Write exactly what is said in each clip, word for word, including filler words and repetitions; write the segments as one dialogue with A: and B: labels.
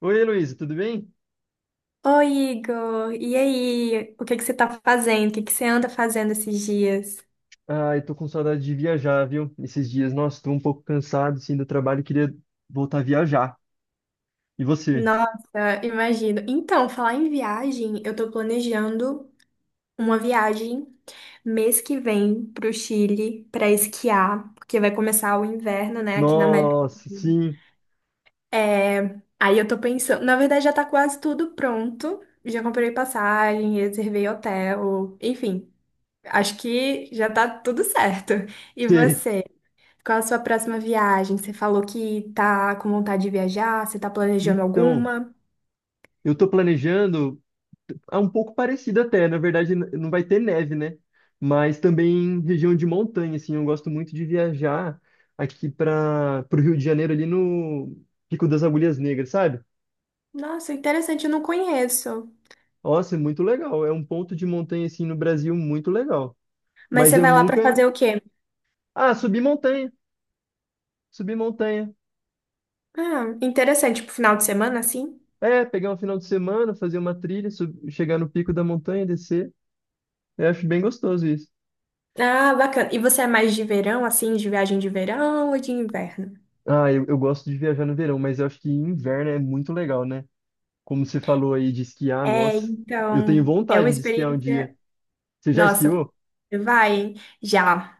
A: Oi, Heloísa, tudo bem?
B: Oi, Igor. E aí? O que que você tá fazendo? O que que você anda fazendo esses dias?
A: Ah, eu tô com saudade de viajar, viu? Esses dias, nossa, tô um pouco cansado, assim, do trabalho, e queria voltar a viajar. E você?
B: Nossa, imagino. Então, falar em viagem, eu tô planejando uma viagem mês que vem pro Chile pra esquiar, porque vai começar o inverno, né, aqui na América. do
A: Nossa,
B: Sul?
A: sim,
B: É, aí eu tô pensando, na verdade já tá quase tudo pronto. Já comprei passagem, reservei hotel, enfim, acho que já tá tudo certo. E
A: sei.
B: você? Qual a sua próxima viagem? Você falou que tá com vontade de viajar, você tá planejando
A: Então,
B: alguma?
A: eu tô planejando, é um pouco parecido até, na verdade n- não vai ter neve, né? Mas também região de montanha, assim, eu gosto muito de viajar aqui para o Rio de Janeiro, ali no Pico das Agulhas Negras, sabe?
B: Nossa, interessante, eu não conheço.
A: Nossa, é muito legal, é um ponto de montanha, assim, no Brasil muito legal.
B: Mas
A: Mas
B: você
A: eu
B: vai lá pra
A: nunca.
B: fazer o quê?
A: Ah, subir montanha, subir montanha.
B: Ah, interessante, pro final de semana, assim?
A: É, pegar um final de semana, fazer uma trilha, sub- chegar no pico da montanha, descer. Eu acho bem gostoso isso.
B: Ah, bacana. E você é mais de verão, assim, de viagem de verão ou de inverno?
A: Ah, eu, eu gosto de viajar no verão, mas eu acho que inverno é muito legal, né? Como você falou aí de esquiar,
B: É,
A: nossa, eu tenho
B: então, é uma
A: vontade de esquiar um dia.
B: experiência.
A: Você já
B: Nossa,
A: esquiou?
B: vai, hein? Já.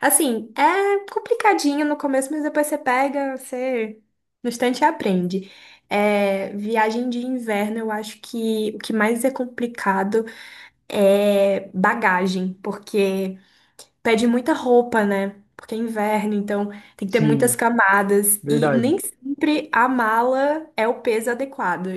B: Assim, é complicadinho no começo, mas depois você pega, você no instante aprende. É, viagem de inverno, eu acho que o que mais é complicado é bagagem, porque pede muita roupa, né? Porque é inverno, então tem que ter muitas
A: Sim,
B: camadas. E
A: verdade.
B: nem sempre a mala é o peso adequado.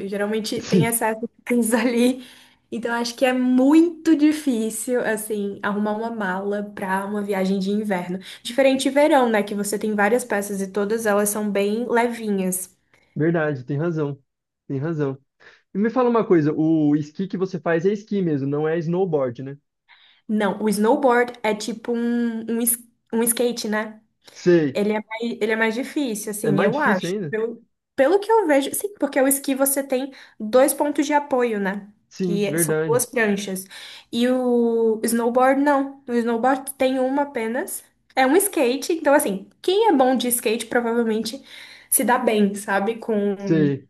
B: Geralmente
A: Sim,
B: tem excesso de coisas ali. Então acho que é muito difícil, assim, arrumar uma mala para uma viagem de inverno. Diferente de verão, né? Que você tem várias peças e todas elas são bem levinhas.
A: verdade, tem razão. Tem razão. E me fala uma coisa, o esqui que você faz é esqui mesmo, não é snowboard, né?
B: Não, o snowboard é tipo um, um, es- um skate, né?
A: Sei.
B: Ele é mais, ele é mais difícil,
A: É
B: assim,
A: mais
B: eu
A: difícil
B: acho.
A: ainda?
B: Pelo, pelo que eu vejo, sim, porque o esqui você tem dois pontos de apoio, né?
A: Sim,
B: Que é- são
A: verdade.
B: duas pranchas. E o snowboard, não. O snowboard tem uma apenas. É um skate, então, assim, quem é bom de skate provavelmente se dá bem, sabe? Com,
A: Sei.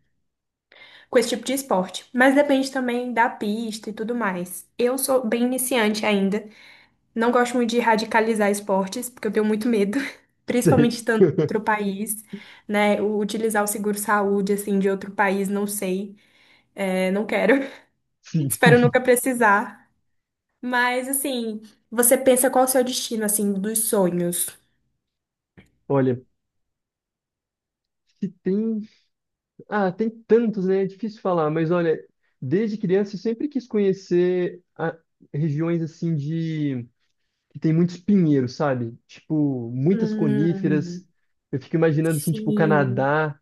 B: com esse tipo de esporte. Mas depende também da pista e tudo mais. Eu sou bem iniciante ainda. Não gosto muito de radicalizar esportes, porque eu tenho muito medo, principalmente
A: Sei.
B: estando em outro país, né? O- Utilizar o seguro-saúde, assim, de outro país, não sei. É, não quero.
A: Sim.
B: Espero nunca precisar. Mas, assim, você pensa qual é o seu destino, assim, dos sonhos?
A: Olha, se tem. Ah, tem tantos, né? É difícil falar, mas olha, desde criança eu sempre quis conhecer a- regiões assim de. Que tem muitos pinheiros, sabe? Tipo, muitas
B: Hum,
A: coníferas. Eu fico imaginando assim, tipo, o
B: sim,
A: Canadá,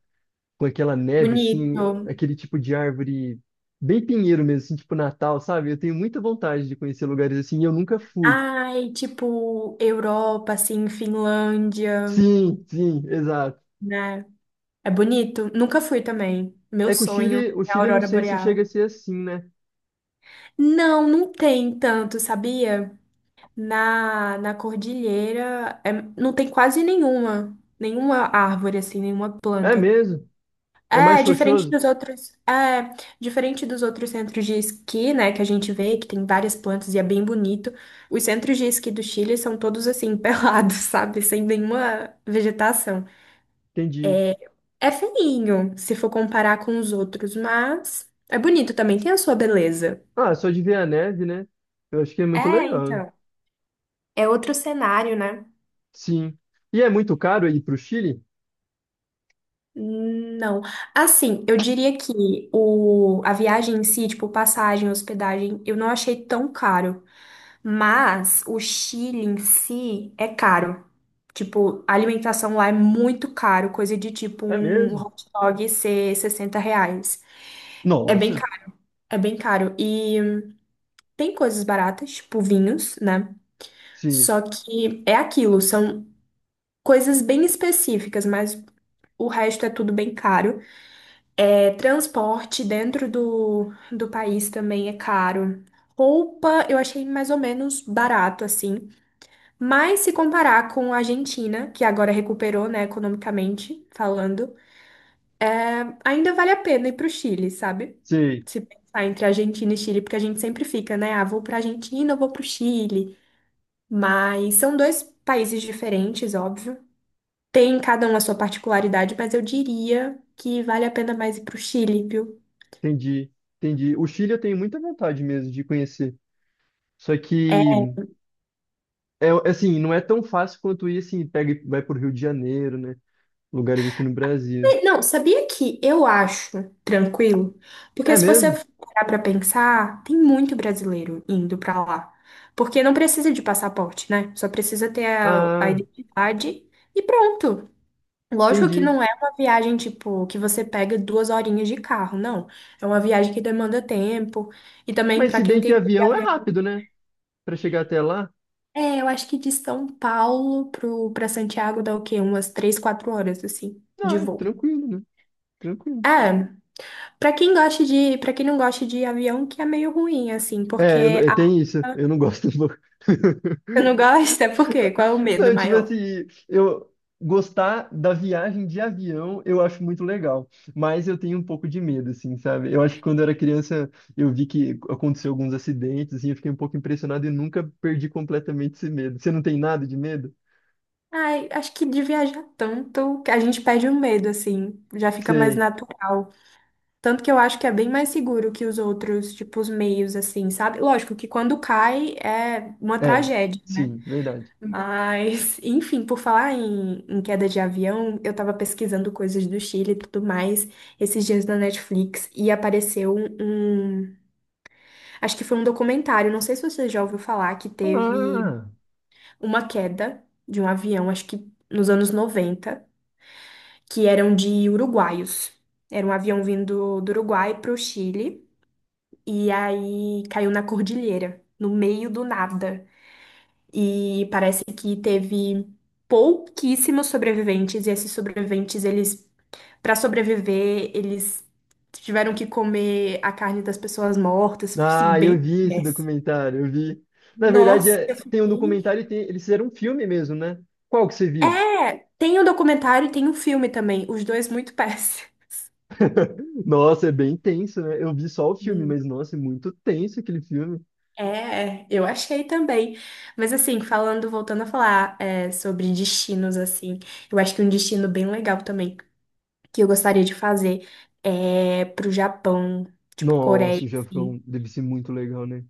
A: com aquela neve, assim,
B: bonito.
A: aquele tipo de árvore bem pinheiro mesmo, assim, tipo Natal, sabe? Eu tenho muita vontade de conhecer lugares assim e eu nunca fui.
B: Ai, tipo, Europa, assim, Finlândia,
A: Sim, sim, exato.
B: né? É bonito? Nunca fui também. Meu
A: É que o
B: sonho
A: Chile, o
B: é a
A: Chile não
B: aurora
A: sei se chega
B: boreal.
A: a ser assim, né?
B: Não, não tem tanto, sabia? Na, na cordilheira, é- não tem quase nenhuma. Nenhuma árvore, assim, nenhuma
A: É
B: planta.
A: mesmo? É mais
B: É, diferente
A: rochoso?
B: dos outros. É, diferente dos outros centros de esqui, né? Que a gente vê, que tem várias plantas e é bem bonito. Os centros de esqui do Chile são todos assim, pelados, sabe? Sem nenhuma vegetação.
A: Entendi.
B: É feinho, se for comparar com os outros, mas é bonito também, tem a sua beleza.
A: Ah, só de ver a neve, né? Eu acho que é muito
B: É,
A: legal.
B: então. É outro cenário, né?
A: Sim. E é muito caro ir para o Chile?
B: Não. Assim, eu diria que o, a viagem em si, tipo, passagem, hospedagem, eu não achei tão caro. Mas o Chile em si é caro. Tipo, a alimentação lá é muito caro, coisa de tipo
A: É
B: um
A: mesmo?
B: hot dog ser sessenta reais. É bem
A: Nossa.
B: caro, é bem caro. E tem coisas baratas, tipo vinhos, né?
A: Sim,
B: Só que é aquilo, são coisas bem específicas, mas o resto é tudo bem caro. É, transporte dentro do, do país também é caro. Roupa eu achei mais ou menos barato, assim. Mas se comparar com a Argentina, que agora recuperou, né, economicamente falando, ainda vale a pena ir pro Chile, sabe?
A: sim.
B: Se pensar entre Argentina e Chile, porque a gente sempre fica, né? Ah, vou pra Argentina, eu vou pro Chile. Mas são dois países diferentes, óbvio. Tem cada uma a sua particularidade, mas eu diria que vale a pena mais ir pro Chile, viu?
A: Entendi, entendi. O Chile eu tenho muita vontade mesmo de conhecer. Só
B: É.
A: que, é assim, não é tão fácil quanto ir assim, pega e vai para Rio de Janeiro, né? Lugares aqui no Brasil.
B: Não, sabia que eu acho tranquilo? Porque
A: É
B: se você
A: mesmo?
B: parar pra pensar, tem muito brasileiro indo pra lá. Porque não precisa de passaporte, né? Só precisa ter a, a
A: Ah,
B: identidade e pronto. Lógico que
A: entendi.
B: não é uma viagem, tipo, que você pega duas horinhas de carro, não. É uma viagem que demanda tempo. E também,
A: Mas
B: pra
A: se
B: quem
A: bem que
B: tem.
A: avião é rápido, né? Para chegar até lá,
B: É, eu acho que de São Paulo pro, pra Santiago dá o quê? Umas três, quatro horas, assim, de
A: ah, é
B: voo.
A: tranquilo, né? Tranquilo.
B: Ah, pra quem gosta de, para quem não gosta de avião, que é meio ruim, assim,
A: É, eu, não-
B: porque
A: eu
B: a...
A: tenho isso, eu não gosto um pouco.
B: Você não gosta? Por quê? Qual é o medo
A: Não, tipo
B: maior?
A: assim, eu gostar da viagem de avião eu acho muito legal, mas eu tenho um pouco de medo, assim, sabe? Eu acho que quando eu era criança eu vi que aconteceu alguns acidentes, assim, eu fiquei um pouco impressionado e nunca perdi completamente esse medo. Você não tem nada de medo?
B: Ai, acho que de viajar tanto que a gente perde o medo, assim, já fica mais
A: Sei.
B: natural. Tanto que eu acho que é bem mais seguro que os outros, tipo, os meios, assim, sabe? Lógico que quando cai é uma
A: É,
B: tragédia.
A: sim, verdade.
B: Mas, enfim, por falar em, em queda de avião, eu tava pesquisando coisas do Chile e tudo mais esses dias na Netflix e apareceu um, um- acho que foi um documentário, não sei se você já ouviu falar, que teve
A: Ah,
B: uma queda de um avião, acho que nos anos noventa, que eram de uruguaios. Era um avião vindo do Uruguai pro Chile e aí caiu na cordilheira, no meio do nada. E parece que teve pouquíssimos sobreviventes, e esses sobreviventes, eles, para sobreviver, eles tiveram que comer a carne das pessoas mortas, assim,
A: ah, eu
B: bem
A: vi esse
B: péssimo.
A: documentário, eu vi. Na verdade,
B: Nossa, eu
A: é- tem um
B: fiquei.
A: documentário e tem, eles fizeram um filme mesmo, né? Qual que você viu?
B: É, tem o documentário e tem o filme também, os dois muito péssimos.
A: Nossa, é bem tenso, né? Eu vi só o filme,
B: Hum.
A: mas nossa, é muito tenso aquele filme.
B: É, eu achei também. Mas assim, falando, voltando a falar é, sobre destinos, assim, eu acho que um destino bem legal também. que eu gostaria de fazer é pro Japão, tipo Coreia,
A: Nossa, o
B: assim.
A: Japão deve ser muito legal, né?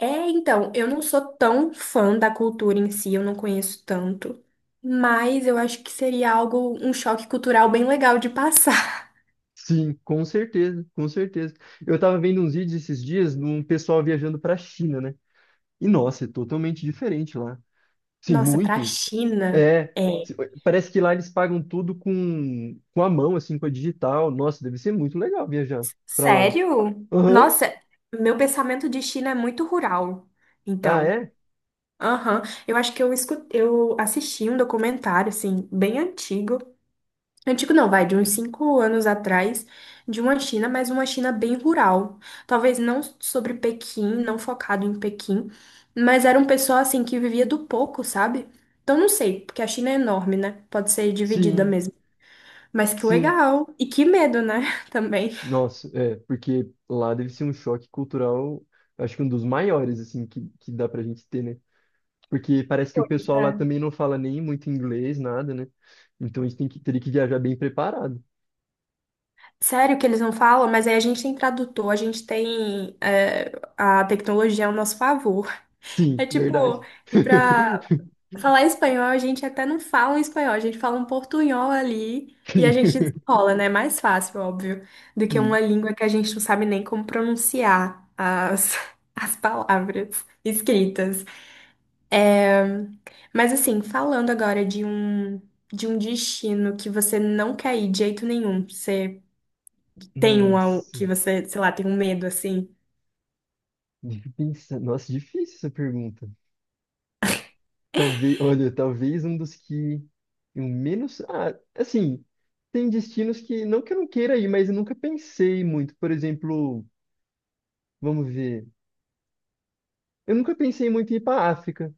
B: É, então, eu não sou tão fã da cultura em si, eu não conheço tanto, mas eu acho que seria algo, um choque cultural bem legal de passar.
A: Sim, com certeza, com certeza. Eu tava vendo uns vídeos esses dias de um pessoal viajando pra China, né? E nossa, é totalmente diferente lá. Sim,
B: Nossa, pra
A: muito.
B: China,
A: É,
B: é.
A: se- parece que lá eles pagam tudo com, com a mão, assim, com a digital. Nossa, deve ser muito legal viajar pra lá.
B: Sério?
A: Aham.
B: Nossa, meu pensamento de China é muito rural.
A: Ah,
B: Então,
A: é?
B: aham, eu acho que eu escutei, eu assisti um documentário assim bem antigo. Antigo não, vai de uns cinco anos atrás, de uma China, mas uma China bem rural. Talvez não sobre Pequim, não focado em Pequim, mas era um pessoal assim que vivia do pouco, sabe? Então não sei, porque a China é enorme, né? Pode ser dividida
A: Sim,
B: mesmo. Mas que
A: sim.
B: legal! E que medo, né? Também.
A: Nossa, é, porque lá deve ser um choque cultural, acho que um dos maiores, assim, que, que dá pra gente ter, né? Porque parece que o
B: Pois
A: pessoal lá
B: é.
A: também não fala nem muito inglês, nada, né? Então a gente tem que, teria que viajar bem preparado.
B: Sério que eles não falam, mas aí a gente tem tradutor, a gente tem é, a tecnologia ao nosso favor.
A: Sim,
B: É tipo
A: verdade.
B: ir pra. Falar espanhol, a gente até não fala um espanhol, a gente fala um portunhol ali e a
A: Sim,
B: gente desenrola, né? É mais fácil, óbvio, do que
A: sim.
B: uma língua que a gente não sabe nem como pronunciar as, as palavras escritas. Mas assim, falando agora de um, de um destino que você não quer ir de jeito nenhum, você tem um ao-
A: Nossa,
B: que você, sei lá, tem um medo assim.
A: deixa eu pensar. Nossa, difícil essa pergunta. Talvez, olha, talvez um dos que eu menos. Ah, assim, tem destinos que, não que eu não queira ir, mas eu nunca pensei muito. Por exemplo, vamos ver. Eu nunca pensei muito em ir para África.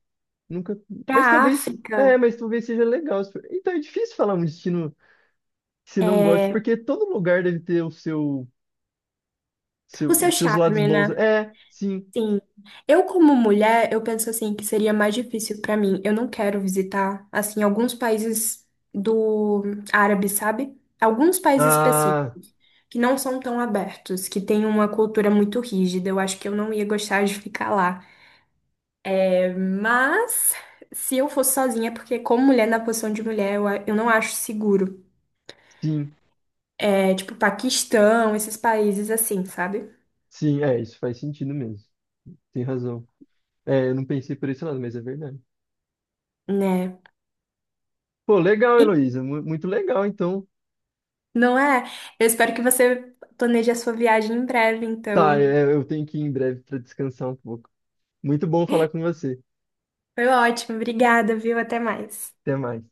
A: Nunca, mas
B: Pra
A: talvez, é,
B: África,
A: mas talvez seja legal. Então é difícil falar um destino que se não goste,
B: é,
A: porque todo lugar deve ter o seu,
B: o
A: seu-
B: seu
A: seus lados
B: charme,
A: bons.
B: né?
A: É, sim.
B: Sim. Eu, como mulher, eu penso assim que seria mais difícil pra mim. Eu não quero visitar, assim, alguns países do árabe, sabe? Alguns países
A: Ah,
B: específicos que não são tão abertos, que têm uma cultura muito rígida. Eu acho que eu não ia gostar de ficar lá. É, mas se eu fosse sozinha, porque como mulher na posição de mulher, eu, a- eu não acho seguro.
A: sim.
B: É tipo Paquistão, esses países assim, sabe?
A: Sim, é, isso faz sentido mesmo. Tem razão. É, eu não pensei por esse lado, mas é verdade.
B: Né?
A: Pô, legal, Heloísa, mu- muito legal, então.
B: Não é? Eu espero que você planeje a sua viagem em breve,
A: Tá,
B: então.
A: é, eu tenho que ir em breve para descansar um pouco. Muito bom falar com você.
B: Foi ótimo, obrigada, viu? Até mais.
A: Até mais.